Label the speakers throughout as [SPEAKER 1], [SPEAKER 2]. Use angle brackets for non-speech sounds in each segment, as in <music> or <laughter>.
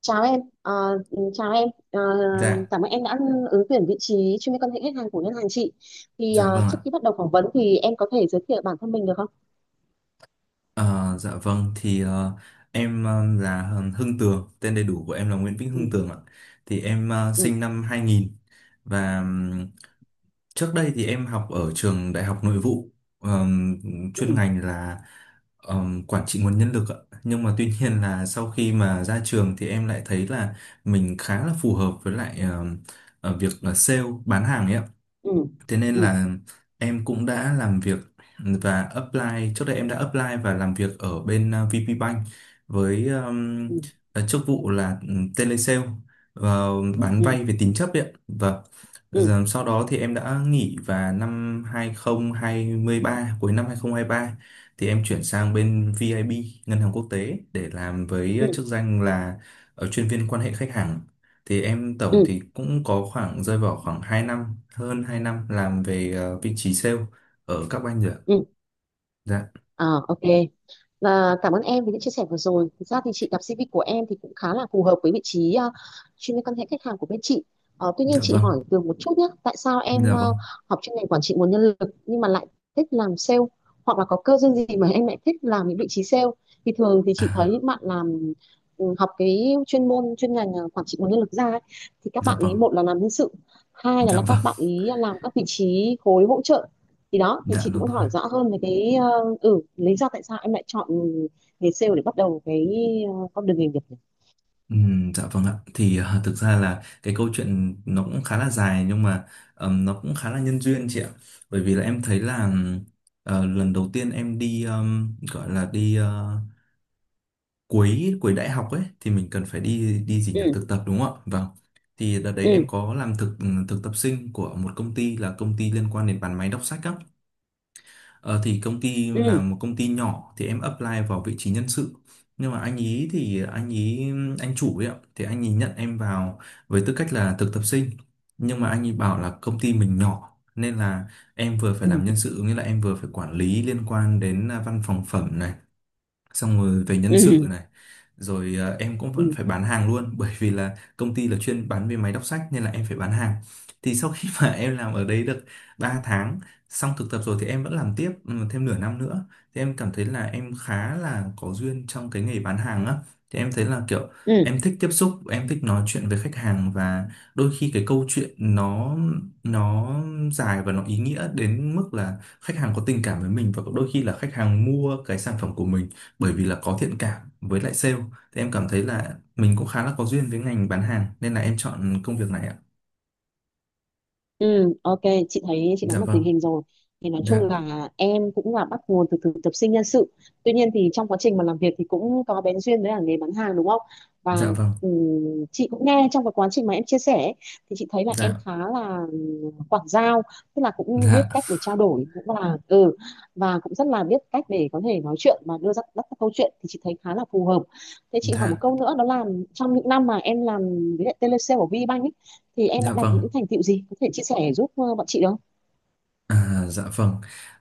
[SPEAKER 1] Chào em, Ờ, chào em, Ờ,
[SPEAKER 2] Dạ,
[SPEAKER 1] Cảm ơn em đã ứng tuyển vị trí chuyên viên quan hệ khách hàng của ngân hàng chị. Thì
[SPEAKER 2] dạ vâng
[SPEAKER 1] trước
[SPEAKER 2] ạ.
[SPEAKER 1] khi bắt đầu phỏng vấn thì em có thể giới thiệu bản thân mình được không?
[SPEAKER 2] Ờ, dạ vâng thì em là Hưng Tường, tên đầy đủ của em là Nguyễn Vĩnh
[SPEAKER 1] Ừ,
[SPEAKER 2] Hưng Tường ạ. Thì em
[SPEAKER 1] ừ,
[SPEAKER 2] sinh năm 2000 và trước đây thì em học ở trường Đại học Nội vụ, ờm, chuyên
[SPEAKER 1] ừ,
[SPEAKER 2] ngành là quản trị nguồn nhân lực ạ. Nhưng mà tuy nhiên là sau khi mà ra trường thì em lại thấy là mình khá là phù hợp với lại việc là sale bán hàng ấy ạ.
[SPEAKER 1] ừ,
[SPEAKER 2] Thế nên
[SPEAKER 1] ừ,
[SPEAKER 2] là em cũng đã làm việc và apply, trước đây em đã apply và làm việc ở bên VP Bank với
[SPEAKER 1] ừ,
[SPEAKER 2] chức vụ là telesale và bán
[SPEAKER 1] ừ,
[SPEAKER 2] vay về tín chấp ấy. Và
[SPEAKER 1] ừ,
[SPEAKER 2] sau đó thì em đã nghỉ và năm 2023, cuối năm 2023 thì em chuyển sang bên VIB, Ngân hàng Quốc tế để làm với
[SPEAKER 1] ừ,
[SPEAKER 2] chức danh là chuyên viên quan hệ khách hàng. Thì em tổng
[SPEAKER 1] ừ,
[SPEAKER 2] thì cũng có khoảng rơi vào khoảng 2 năm, hơn 2 năm làm về vị trí sale ở các banh rồi ạ.
[SPEAKER 1] ừ.
[SPEAKER 2] Dạ.
[SPEAKER 1] Ờ, ok. Và cảm ơn em vì những chia sẻ vừa rồi. Thực ra thì chị đọc CV của em thì cũng khá là phù hợp với vị trí chuyên viên quan hệ khách hàng của bên chị. Tuy nhiên
[SPEAKER 2] Dạ
[SPEAKER 1] chị
[SPEAKER 2] vâng.
[SPEAKER 1] hỏi Tường một chút nhé. Tại sao em
[SPEAKER 2] Dạ vâng,
[SPEAKER 1] học chuyên ngành quản trị nguồn nhân lực nhưng mà lại thích làm sale, hoặc là có cơ duyên gì mà em lại thích làm những vị trí sale? Thì thường thì chị thấy
[SPEAKER 2] à,
[SPEAKER 1] những bạn làm học cái chuyên môn chuyên ngành quản trị nguồn nhân lực ra ấy, thì các
[SPEAKER 2] dạ
[SPEAKER 1] bạn ý
[SPEAKER 2] vâng.
[SPEAKER 1] một là làm nhân sự, hai là,
[SPEAKER 2] Dạ
[SPEAKER 1] là
[SPEAKER 2] vâng.
[SPEAKER 1] các bạn ý làm các vị trí khối hỗ trợ. Thì đó thì
[SPEAKER 2] Dạ
[SPEAKER 1] chị cũng
[SPEAKER 2] đúng
[SPEAKER 1] muốn
[SPEAKER 2] rồi.
[SPEAKER 1] hỏi rõ hơn về cái lý do tại sao em lại chọn nghề sale để bắt đầu cái con đường nghề nghiệp nhỉ?
[SPEAKER 2] Dạ vâng ạ thì thực ra là cái câu chuyện nó cũng khá là dài nhưng mà nó cũng khá là nhân duyên chị ạ, bởi vì là em thấy là lần đầu tiên em đi gọi là đi cuối cuối đại học ấy thì mình cần phải đi đi gì
[SPEAKER 1] Ừ,
[SPEAKER 2] nhỉ, thực tập đúng không ạ? Vâng, thì đợt đấy em
[SPEAKER 1] ừ,
[SPEAKER 2] có làm thực tập sinh của một công ty là công ty liên quan đến bán máy đọc sách á. Ờ, thì công ty là
[SPEAKER 1] ừ,
[SPEAKER 2] một công ty nhỏ thì em apply vào vị trí nhân sự, nhưng mà anh ý thì anh chủ ấy ạ, thì anh ý nhận em vào với tư cách là thực tập sinh, nhưng mà anh ý bảo là công ty mình nhỏ nên là em vừa phải
[SPEAKER 1] ừ,
[SPEAKER 2] làm nhân sự, nghĩa là em vừa phải quản lý liên quan đến văn phòng phẩm này, xong rồi về nhân sự
[SPEAKER 1] ừ,
[SPEAKER 2] này, rồi em cũng vẫn
[SPEAKER 1] ừ,
[SPEAKER 2] phải bán hàng luôn <laughs> bởi vì là công ty là chuyên bán về máy đọc sách nên là em phải bán hàng. Thì sau khi mà <laughs> em làm ở đấy được 3 tháng, xong thực tập rồi thì em vẫn làm tiếp thêm nửa năm nữa, thì em cảm thấy là em khá là có duyên trong cái nghề bán hàng á. Thì em thấy là kiểu
[SPEAKER 1] ừ.
[SPEAKER 2] em thích tiếp xúc, em thích nói chuyện với khách hàng, và đôi khi cái câu chuyện nó nó dài và nó ý nghĩa đến mức là khách hàng có tình cảm với mình, và đôi khi là khách hàng mua cái sản phẩm của mình bởi vì là có thiện cảm với lại sale. Thì em cảm thấy là mình cũng khá là có duyên với ngành bán hàng nên là em chọn công việc này ạ.
[SPEAKER 1] Ừ, ok, chị thấy chị
[SPEAKER 2] Dạ
[SPEAKER 1] nắm được tình
[SPEAKER 2] vâng.
[SPEAKER 1] hình rồi. Thì nói chung
[SPEAKER 2] Dạ.
[SPEAKER 1] là em cũng là bắt nguồn từ thực tập sinh nhân sự. Tuy nhiên thì trong quá trình mà làm việc thì cũng có bén duyên với cả nghề bán hàng đúng không? Và
[SPEAKER 2] Dạ vâng.
[SPEAKER 1] ừ, chị cũng nghe trong cái quá trình mà em chia sẻ ấy, thì chị thấy là em
[SPEAKER 2] Dạ.
[SPEAKER 1] khá là quảng giao, tức là cũng biết
[SPEAKER 2] Dạ.
[SPEAKER 1] cách để trao đổi, cũng là và cũng rất là biết cách để có thể nói chuyện và đưa ra các câu chuyện thì chị thấy khá là phù hợp. Thế chị hỏi một
[SPEAKER 2] Dạ.
[SPEAKER 1] câu nữa, đó là trong những năm mà em làm với lại telesale của VBank ấy, thì em đã
[SPEAKER 2] Dạ
[SPEAKER 1] đạt
[SPEAKER 2] vâng.
[SPEAKER 1] những thành tựu gì có thể chia sẻ giúp bọn chị được không?
[SPEAKER 2] À, dạ vâng.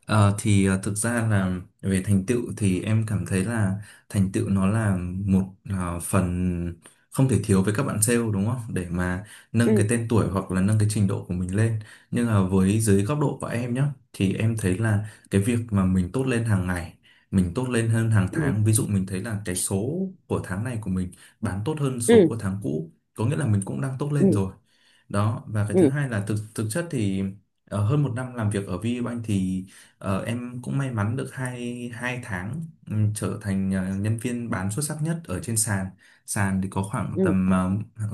[SPEAKER 2] Thực ra là về thành tựu thì em cảm thấy là thành tựu nó là một phần không thể thiếu với các bạn sale, đúng không? Để mà
[SPEAKER 1] Ừ,
[SPEAKER 2] nâng cái tên tuổi hoặc là nâng cái trình độ của mình lên. Nhưng mà với dưới góc độ của em nhé, thì em thấy là cái việc mà mình tốt lên hàng ngày, mình tốt lên hơn hàng
[SPEAKER 1] ừ,
[SPEAKER 2] tháng. Ví dụ mình thấy là cái số của tháng này của mình bán tốt hơn số
[SPEAKER 1] ừ,
[SPEAKER 2] của tháng cũ, có nghĩa là mình cũng đang tốt lên
[SPEAKER 1] ừ,
[SPEAKER 2] rồi. Đó, và cái
[SPEAKER 1] ừ,
[SPEAKER 2] thứ hai là thực thực chất thì hơn một năm làm việc ở VPBank thì em cũng may mắn được 2 tháng trở thành nhân viên bán xuất sắc nhất ở trên sàn. Sàn thì có khoảng
[SPEAKER 1] ừ,
[SPEAKER 2] tầm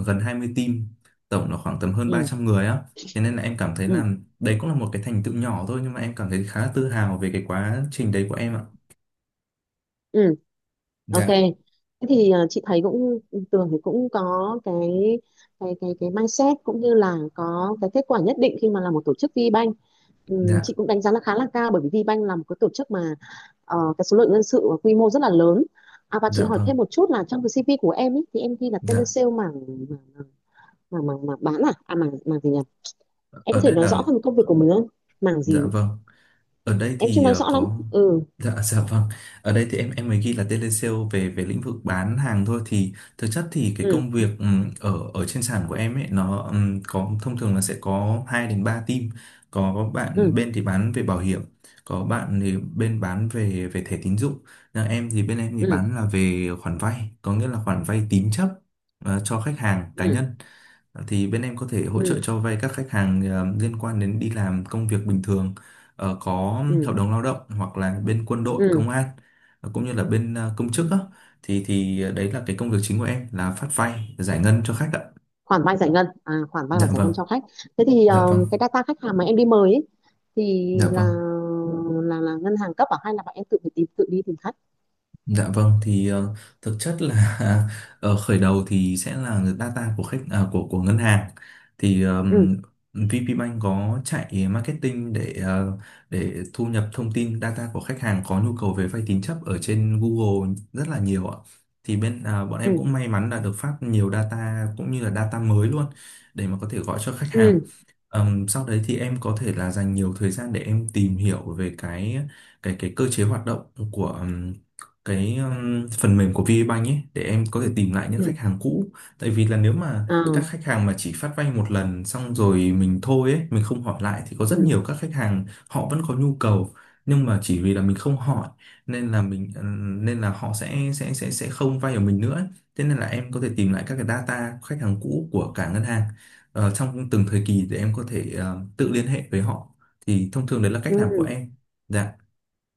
[SPEAKER 2] gần 20 team, tổng là khoảng tầm hơn ba
[SPEAKER 1] ừ,
[SPEAKER 2] trăm người á. Thế nên là em cảm thấy
[SPEAKER 1] ừ,
[SPEAKER 2] là đấy cũng là một cái thành tựu nhỏ thôi, nhưng mà em cảm thấy khá là tự hào về cái quá trình đấy của em ạ.
[SPEAKER 1] ừ. Ok,
[SPEAKER 2] Dạ.
[SPEAKER 1] thế thì chị thấy cũng Tường thì cũng có cái cái mindset cũng như là có cái kết quả nhất định khi mà là một tổ chức VBank.
[SPEAKER 2] Dạ.
[SPEAKER 1] Chị cũng đánh giá là khá là cao, bởi vì VBank là một cái tổ chức mà cái số lượng nhân sự và quy mô rất là lớn. Và
[SPEAKER 2] Dạ
[SPEAKER 1] chị hỏi
[SPEAKER 2] vâng.
[SPEAKER 1] thêm một chút là trong cái CV của em ý, thì em ghi là
[SPEAKER 2] Dạ.
[SPEAKER 1] telesale mảng mảng bán, à à mảng mảng gì nhỉ? Em có
[SPEAKER 2] Ở
[SPEAKER 1] thể
[SPEAKER 2] đây
[SPEAKER 1] nói rõ
[SPEAKER 2] là.
[SPEAKER 1] hơn công việc của mình không? Mảng
[SPEAKER 2] Dạ
[SPEAKER 1] gì?
[SPEAKER 2] vâng. Ở đây
[SPEAKER 1] Em chưa
[SPEAKER 2] thì
[SPEAKER 1] nói rõ lắm.
[SPEAKER 2] có.
[SPEAKER 1] Ừ,
[SPEAKER 2] Dạ. Dạ vâng. Ở đây thì em mới ghi là telesale về về lĩnh vực bán hàng thôi, thì thực chất thì cái
[SPEAKER 1] ừ,
[SPEAKER 2] công việc ở ở trên sàn của em ấy nó có, thông thường là sẽ có 2 đến 3 team. Có bạn
[SPEAKER 1] ừ,
[SPEAKER 2] bên thì bán về bảo hiểm, có bạn thì bên bán về về thẻ tín dụng. Nhà em thì bên em thì
[SPEAKER 1] ừ,
[SPEAKER 2] bán là về khoản vay, có nghĩa là khoản vay tín chấp cho khách hàng cá
[SPEAKER 1] ừ,
[SPEAKER 2] nhân. Thì bên em có thể hỗ trợ
[SPEAKER 1] ừ,
[SPEAKER 2] cho vay các khách hàng liên quan đến đi làm công việc bình thường, có
[SPEAKER 1] ừ,
[SPEAKER 2] hợp đồng lao động, hoặc là bên quân đội
[SPEAKER 1] ừ.
[SPEAKER 2] công an, cũng như là bên công
[SPEAKER 1] Ừ.
[SPEAKER 2] chức á. Thì đấy là cái công việc chính của em là phát vay giải ngân cho khách ạ.
[SPEAKER 1] Khoản vay giải ngân, à, khoản vay và
[SPEAKER 2] Dạ
[SPEAKER 1] giải
[SPEAKER 2] vâng.
[SPEAKER 1] ngân cho khách. Thế thì
[SPEAKER 2] Dạ vâng.
[SPEAKER 1] cái data khách hàng mà em đi mời ấy, thì
[SPEAKER 2] Dạ
[SPEAKER 1] là
[SPEAKER 2] vâng.
[SPEAKER 1] là là ngân hàng cấp, à hay là bạn em tự phải tìm, tự đi tìm khách?
[SPEAKER 2] Dạ vâng thì thực chất là <laughs> ở khởi đầu thì sẽ là data của khách, của ngân hàng, thì
[SPEAKER 1] Ừ,
[SPEAKER 2] VP Bank có chạy marketing để để thu nhập thông tin data của khách hàng có nhu cầu về vay tín chấp ở trên Google rất là nhiều ạ. Thì bên bọn em
[SPEAKER 1] ừ,
[SPEAKER 2] cũng may mắn là được phát nhiều data cũng như là data mới luôn để mà có thể gọi cho khách hàng.
[SPEAKER 1] ừ,
[SPEAKER 2] Sau đấy thì em có thể là dành nhiều thời gian để em tìm hiểu về cái cơ chế hoạt động của cái phần mềm của VPBank ấy để em có thể tìm lại những
[SPEAKER 1] ừ,
[SPEAKER 2] khách hàng cũ, tại vì là nếu mà
[SPEAKER 1] à,
[SPEAKER 2] các khách hàng mà chỉ phát vay một lần xong rồi mình thôi ấy, mình không hỏi lại thì có rất
[SPEAKER 1] ừ,
[SPEAKER 2] nhiều các khách hàng họ vẫn có nhu cầu, nhưng mà chỉ vì là mình không hỏi nên là nên là họ sẽ không vay ở mình nữa ấy. Thế nên là em có thể tìm lại các cái data khách hàng cũ của cả ngân hàng trong từng thời kỳ để em có thể tự liên hệ với họ, thì thông thường đấy là cách làm của
[SPEAKER 1] ừ.
[SPEAKER 2] em. Dạ.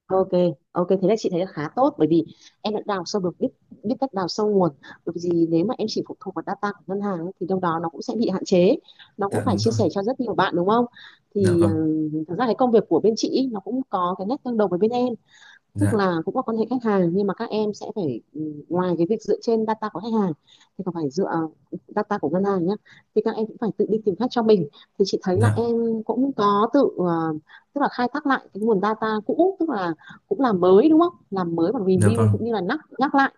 [SPEAKER 1] Ok, ok thế là chị thấy là khá tốt, bởi vì em đã đào sâu được, biết biết cách đào sâu nguồn. Bởi vì gì, nếu mà em chỉ phụ thuộc vào data của ngân hàng ấy, thì đâu đó nó cũng sẽ bị hạn chế, nó cũng
[SPEAKER 2] Dạ
[SPEAKER 1] phải
[SPEAKER 2] đúng
[SPEAKER 1] chia
[SPEAKER 2] rồi.
[SPEAKER 1] sẻ cho rất nhiều bạn đúng không?
[SPEAKER 2] Dạ
[SPEAKER 1] Thì
[SPEAKER 2] vâng.
[SPEAKER 1] thật ra cái công việc của bên chị ý, nó cũng có cái nét tương đồng với bên em, tức
[SPEAKER 2] Dạ.
[SPEAKER 1] là cũng là quan hệ khách hàng, nhưng mà các em sẽ phải ngoài cái việc dựa trên data của khách hàng thì còn phải dựa data của ngân hàng nhé, thì các em cũng phải tự đi tìm khách cho mình. Thì chị thấy là
[SPEAKER 2] Dạ.
[SPEAKER 1] em cũng có tự tức là khai thác lại cái nguồn data cũ, tức là cũng làm mới đúng không, làm mới và
[SPEAKER 2] Dạ
[SPEAKER 1] review
[SPEAKER 2] vâng.
[SPEAKER 1] cũng như là nhắc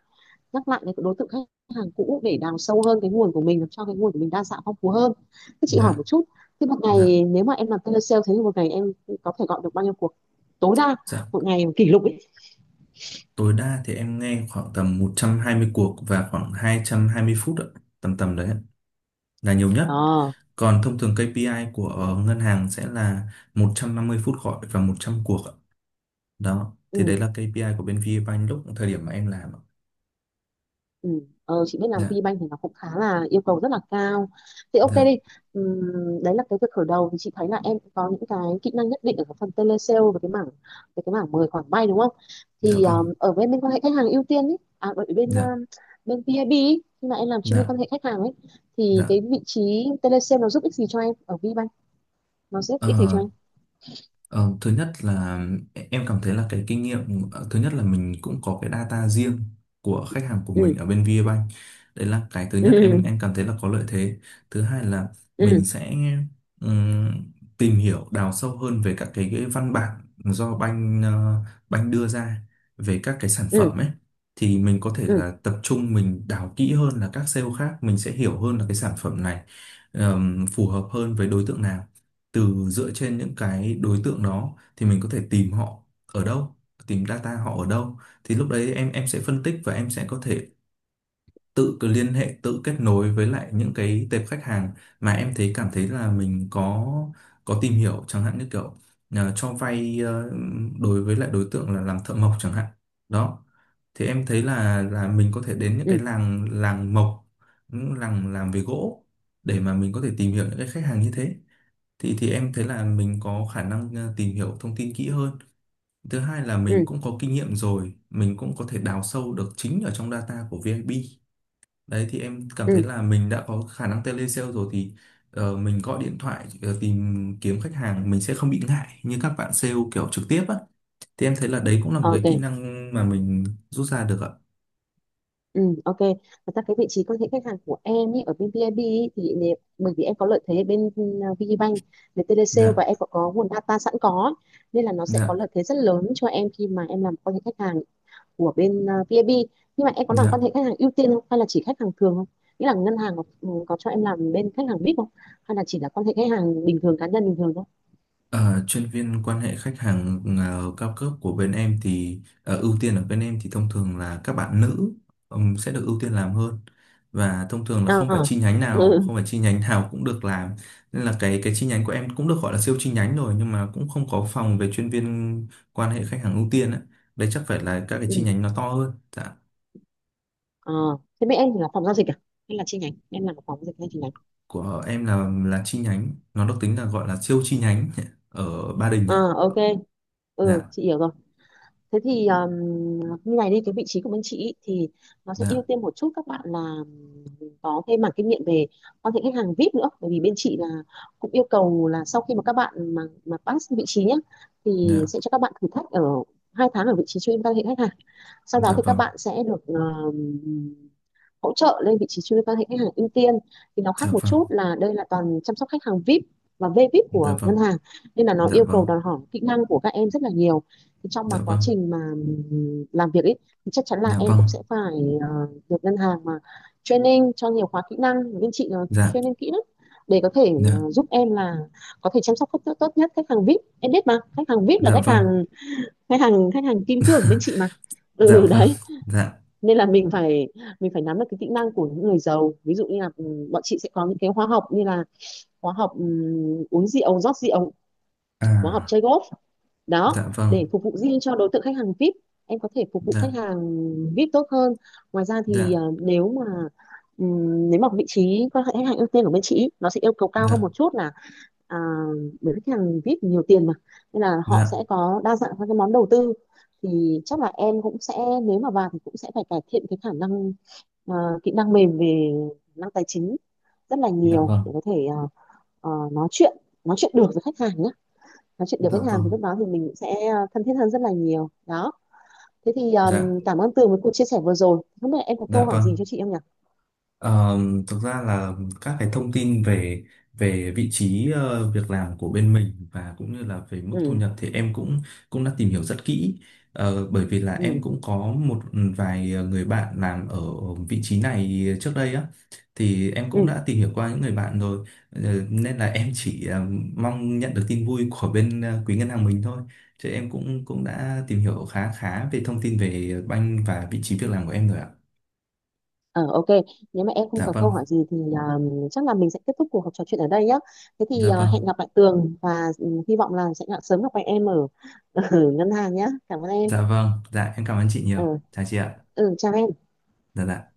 [SPEAKER 1] nhắc lại cái đối tượng khách hàng cũ để đào sâu hơn cái nguồn của mình, làm cho cái nguồn của mình đa dạng phong phú hơn. Thế chị hỏi
[SPEAKER 2] Dạ.
[SPEAKER 1] một chút, thế một
[SPEAKER 2] Dạ.
[SPEAKER 1] ngày nếu mà em làm telesale, thế thì một ngày em có thể gọi được bao nhiêu cuộc tối đa, một
[SPEAKER 2] Dạ.
[SPEAKER 1] ngày kỷ lục ấy?
[SPEAKER 2] Tối đa thì em nghe khoảng tầm 120 cuộc và khoảng hai 220 phút ạ, tầm tầm đấy ạ, là nhiều nhất.
[SPEAKER 1] Ờ,
[SPEAKER 2] Còn thông thường KPI của ngân hàng sẽ là 150 phút gọi và 100 cuộc ạ. Đó, thì
[SPEAKER 1] ừ,
[SPEAKER 2] đấy là KPI của bên VPBank lúc thời điểm mà em làm ạ.
[SPEAKER 1] ừ. Chị biết làm
[SPEAKER 2] Dạ.
[SPEAKER 1] VBank thì nó cũng khá là yêu cầu rất là cao. Thì ok
[SPEAKER 2] Dạ.
[SPEAKER 1] đi. Đấy là cái việc khởi đầu, thì chị thấy là em cũng có những cái kỹ năng nhất định ở cái phần telesale và cái mảng, về cái mảng mời khoản vay đúng không?
[SPEAKER 2] Dạ
[SPEAKER 1] Thì
[SPEAKER 2] vâng.
[SPEAKER 1] ở bên bên quan hệ khách hàng ưu tiên ý, à ở bên
[SPEAKER 2] Dạ.
[SPEAKER 1] bên VIB ý, khi mà em làm chuyên viên
[SPEAKER 2] Dạ.
[SPEAKER 1] quan hệ khách hàng ấy thì cái
[SPEAKER 2] Dạ.
[SPEAKER 1] vị trí telesale nó giúp ích gì cho em ở VBank? Nó giúp ích gì cho
[SPEAKER 2] Ờ,
[SPEAKER 1] em?
[SPEAKER 2] Ờ, thứ nhất là em cảm thấy là cái kinh nghiệm, thứ nhất là mình cũng có cái data riêng của khách hàng của
[SPEAKER 1] Ừ,
[SPEAKER 2] mình ở bên VPBank, đấy là cái thứ nhất em cảm
[SPEAKER 1] <laughs>
[SPEAKER 2] thấy là có lợi thế. Thứ hai là
[SPEAKER 1] ừ,
[SPEAKER 2] mình
[SPEAKER 1] ừ,
[SPEAKER 2] sẽ ừm, tìm hiểu đào sâu hơn về cái văn bản do banh đưa ra về các cái sản
[SPEAKER 1] ừ,
[SPEAKER 2] phẩm ấy, thì mình có thể
[SPEAKER 1] ừ,
[SPEAKER 2] là tập trung mình đào kỹ hơn là các sale khác, mình sẽ hiểu hơn là cái sản phẩm này phù hợp hơn với đối tượng nào. Từ dựa trên những cái đối tượng đó thì mình có thể tìm họ ở đâu, tìm data họ ở đâu. Thì lúc đấy em sẽ phân tích và em sẽ có thể tự cứ liên hệ tự kết nối với lại những cái tệp khách hàng mà em thấy cảm thấy là mình có tìm hiểu, chẳng hạn như kiểu cho vay đối với lại đối tượng là làm thợ mộc chẳng hạn. Đó, thì em thấy là mình có thể đến những cái
[SPEAKER 1] ừ,
[SPEAKER 2] làng làng mộc, những làng làm về gỗ để mà mình có thể tìm hiểu những cái khách hàng như thế. Thì em thấy là mình có khả năng tìm hiểu thông tin kỹ hơn. Thứ hai là
[SPEAKER 1] ừ,
[SPEAKER 2] mình
[SPEAKER 1] ừ,
[SPEAKER 2] cũng có kinh nghiệm rồi, mình cũng có thể đào sâu được chính ở trong data của VIP. Đấy thì em cảm thấy
[SPEAKER 1] ừ.
[SPEAKER 2] là mình đã có khả năng telesale rồi thì mình gọi điện thoại tìm kiếm khách hàng mình sẽ không bị ngại như các bạn sale kiểu trực tiếp á. Thì em thấy là đấy cũng là một cái kỹ
[SPEAKER 1] Ok.
[SPEAKER 2] năng mà mình rút ra được ạ.
[SPEAKER 1] Ừ, ok. Thật ra cái vị trí quan hệ khách hàng của em ý, ở bên VIB ý, thì nếu, bởi vì em có lợi thế ở bên VPBank về telesale và
[SPEAKER 2] Dạ.
[SPEAKER 1] em có nguồn data sẵn có, nên là nó sẽ có
[SPEAKER 2] Dạ.
[SPEAKER 1] lợi thế rất lớn cho em khi mà em làm quan hệ khách hàng của bên VIB. Nhưng mà em có làm
[SPEAKER 2] Dạ.
[SPEAKER 1] quan hệ khách hàng ưu tiên không? Hay là chỉ khách hàng thường không? Nghĩa là ngân hàng có cho em làm bên khách hàng VIP không? Hay là chỉ là quan hệ khách hàng bình thường, cá nhân bình thường thôi?
[SPEAKER 2] Ờ, chuyên viên quan hệ khách hàng cao cấp của bên em thì ưu tiên ở bên em thì thông thường là các bạn nữ sẽ được ưu tiên làm hơn, và thông thường là
[SPEAKER 1] À,
[SPEAKER 2] không phải chi nhánh nào
[SPEAKER 1] ừ,
[SPEAKER 2] không phải chi nhánh nào cũng được làm, nên là cái chi nhánh của em cũng được gọi là siêu chi nhánh rồi, nhưng mà cũng không có phòng về chuyên viên quan hệ khách hàng ưu tiên ấy. Đây chắc phải là các cái
[SPEAKER 1] ừ.
[SPEAKER 2] chi nhánh nó to hơn. Dạ.
[SPEAKER 1] À, thế bên em thì là phòng giao dịch à? Hay là chi nhánh? Em làm ở phòng giao dịch hay chi nhánh?
[SPEAKER 2] Của em là chi nhánh, nó được tính là gọi là siêu chi nhánh <laughs> ở Ba Đình
[SPEAKER 1] À,
[SPEAKER 2] ạ.
[SPEAKER 1] ok. Ừ,
[SPEAKER 2] Dạ.
[SPEAKER 1] chị hiểu rồi. Thế thì như này đi, cái vị trí của bên chị ý, thì nó sẽ ưu
[SPEAKER 2] Dạ.
[SPEAKER 1] tiên một chút các bạn là có cái mảng kinh nghiệm về quan hệ khách hàng VIP nữa. Bởi vì bên chị là cũng yêu cầu là sau khi mà các bạn mà pass vị trí nhé, thì
[SPEAKER 2] Dạ.
[SPEAKER 1] sẽ cho các bạn thử thách ở 2 tháng ở vị trí chuyên quan hệ khách hàng. Sau đó
[SPEAKER 2] Dạ
[SPEAKER 1] thì các
[SPEAKER 2] vâng.
[SPEAKER 1] bạn sẽ được hỗ trợ lên vị trí chuyên viên quan hệ khách hàng ưu tiên. Thì nó
[SPEAKER 2] Dạ
[SPEAKER 1] khác một
[SPEAKER 2] vâng.
[SPEAKER 1] chút là đây là toàn chăm sóc khách hàng VIP và VVIP
[SPEAKER 2] Dạ
[SPEAKER 1] của ngân
[SPEAKER 2] vâng.
[SPEAKER 1] hàng, nên là nó
[SPEAKER 2] Dạ
[SPEAKER 1] yêu cầu
[SPEAKER 2] vâng.
[SPEAKER 1] đòi hỏi kỹ năng của các em rất là nhiều. Thì trong
[SPEAKER 2] Dạ
[SPEAKER 1] mà quá
[SPEAKER 2] vâng.
[SPEAKER 1] trình mà làm việc ấy thì chắc chắn là
[SPEAKER 2] Dạ
[SPEAKER 1] em
[SPEAKER 2] vâng.
[SPEAKER 1] cũng sẽ phải ờ, được ngân hàng mà training cho nhiều khóa kỹ năng, bên chị là
[SPEAKER 2] Dạ.
[SPEAKER 1] training kỹ lắm để có thể
[SPEAKER 2] Dạ.
[SPEAKER 1] giúp em là có thể chăm sóc khách tốt nhất. Khách hàng VIP em biết mà, khách hàng VIP là
[SPEAKER 2] Dạ vâng.
[SPEAKER 1] khách hàng kim cương bên chị mà.
[SPEAKER 2] Dạ
[SPEAKER 1] Ừ,
[SPEAKER 2] vâng.
[SPEAKER 1] đấy,
[SPEAKER 2] Dạ.
[SPEAKER 1] nên là mình phải nắm được cái kỹ năng của những người giàu. Ví dụ như là bọn chị sẽ có những cái khóa học như là khóa học uống rượu rót rượu, khóa học
[SPEAKER 2] À,
[SPEAKER 1] chơi golf. Đó,
[SPEAKER 2] dạ vâng.
[SPEAKER 1] để phục vụ riêng cho đối tượng khách hàng VIP, em có thể phục vụ khách
[SPEAKER 2] Dạ.
[SPEAKER 1] hàng VIP tốt hơn. Ngoài ra thì
[SPEAKER 2] Dạ.
[SPEAKER 1] nếu mà vị trí quan hệ khách hàng ưu tiên của bên chị nó sẽ yêu cầu cao hơn
[SPEAKER 2] Dạ.
[SPEAKER 1] một chút là, à, bởi vì khách hàng VIP nhiều tiền mà nên là họ
[SPEAKER 2] Dạ.
[SPEAKER 1] sẽ có đa dạng các cái món đầu tư. Thì chắc là em cũng sẽ, nếu mà vào thì cũng sẽ phải cải thiện cái khả năng, à, kỹ năng mềm về khả năng tài chính rất là
[SPEAKER 2] Dạ
[SPEAKER 1] nhiều
[SPEAKER 2] vâng.
[SPEAKER 1] để có thể, à, nói chuyện nói chuyện được với khách hàng ấy, nói chuyện được
[SPEAKER 2] Dạ
[SPEAKER 1] với khách hàng
[SPEAKER 2] vâng.
[SPEAKER 1] thì lúc đó thì mình sẽ thân thiết hơn rất là nhiều đó. Thế thì
[SPEAKER 2] Dạ vâng,
[SPEAKER 1] cảm ơn Tường với cuộc chia sẻ vừa rồi, không biết là em có câu
[SPEAKER 2] dạ
[SPEAKER 1] hỏi gì
[SPEAKER 2] vâng.
[SPEAKER 1] cho chị em nhỉ?
[SPEAKER 2] Ờ, thực ra là các cái thông tin về về vị trí việc làm của bên mình và cũng như là về mức thu
[SPEAKER 1] Ừ,
[SPEAKER 2] nhập thì em cũng cũng đã tìm hiểu rất kỹ. Bởi vì là
[SPEAKER 1] ừ,
[SPEAKER 2] em cũng có một vài người bạn làm ở vị trí này trước đây á, thì em
[SPEAKER 1] ừ,
[SPEAKER 2] cũng đã tìm hiểu qua những người bạn rồi. Ờ, nên là em chỉ mong nhận được tin vui của bên quý ngân hàng mình thôi, chứ em cũng cũng đã tìm hiểu khá khá về thông tin về banh và vị trí việc làm của em rồi ạ.
[SPEAKER 1] ờ, ok. Nếu mà em không
[SPEAKER 2] Dạ
[SPEAKER 1] có câu
[SPEAKER 2] vâng,
[SPEAKER 1] hỏi gì thì chắc là mình sẽ kết thúc cuộc trò chuyện ở đây nhé. Thế thì
[SPEAKER 2] dạ
[SPEAKER 1] hẹn
[SPEAKER 2] vâng.
[SPEAKER 1] gặp lại Tường, và hy vọng là sẽ sớm gặp lại em <laughs> ở ngân hàng nhé. Cảm ơn em.
[SPEAKER 2] Dạ vâng, dạ em cảm ơn chị
[SPEAKER 1] Ừ,
[SPEAKER 2] nhiều. Chào chị ạ.
[SPEAKER 1] ừ, chào em.
[SPEAKER 2] Dạ, dạ.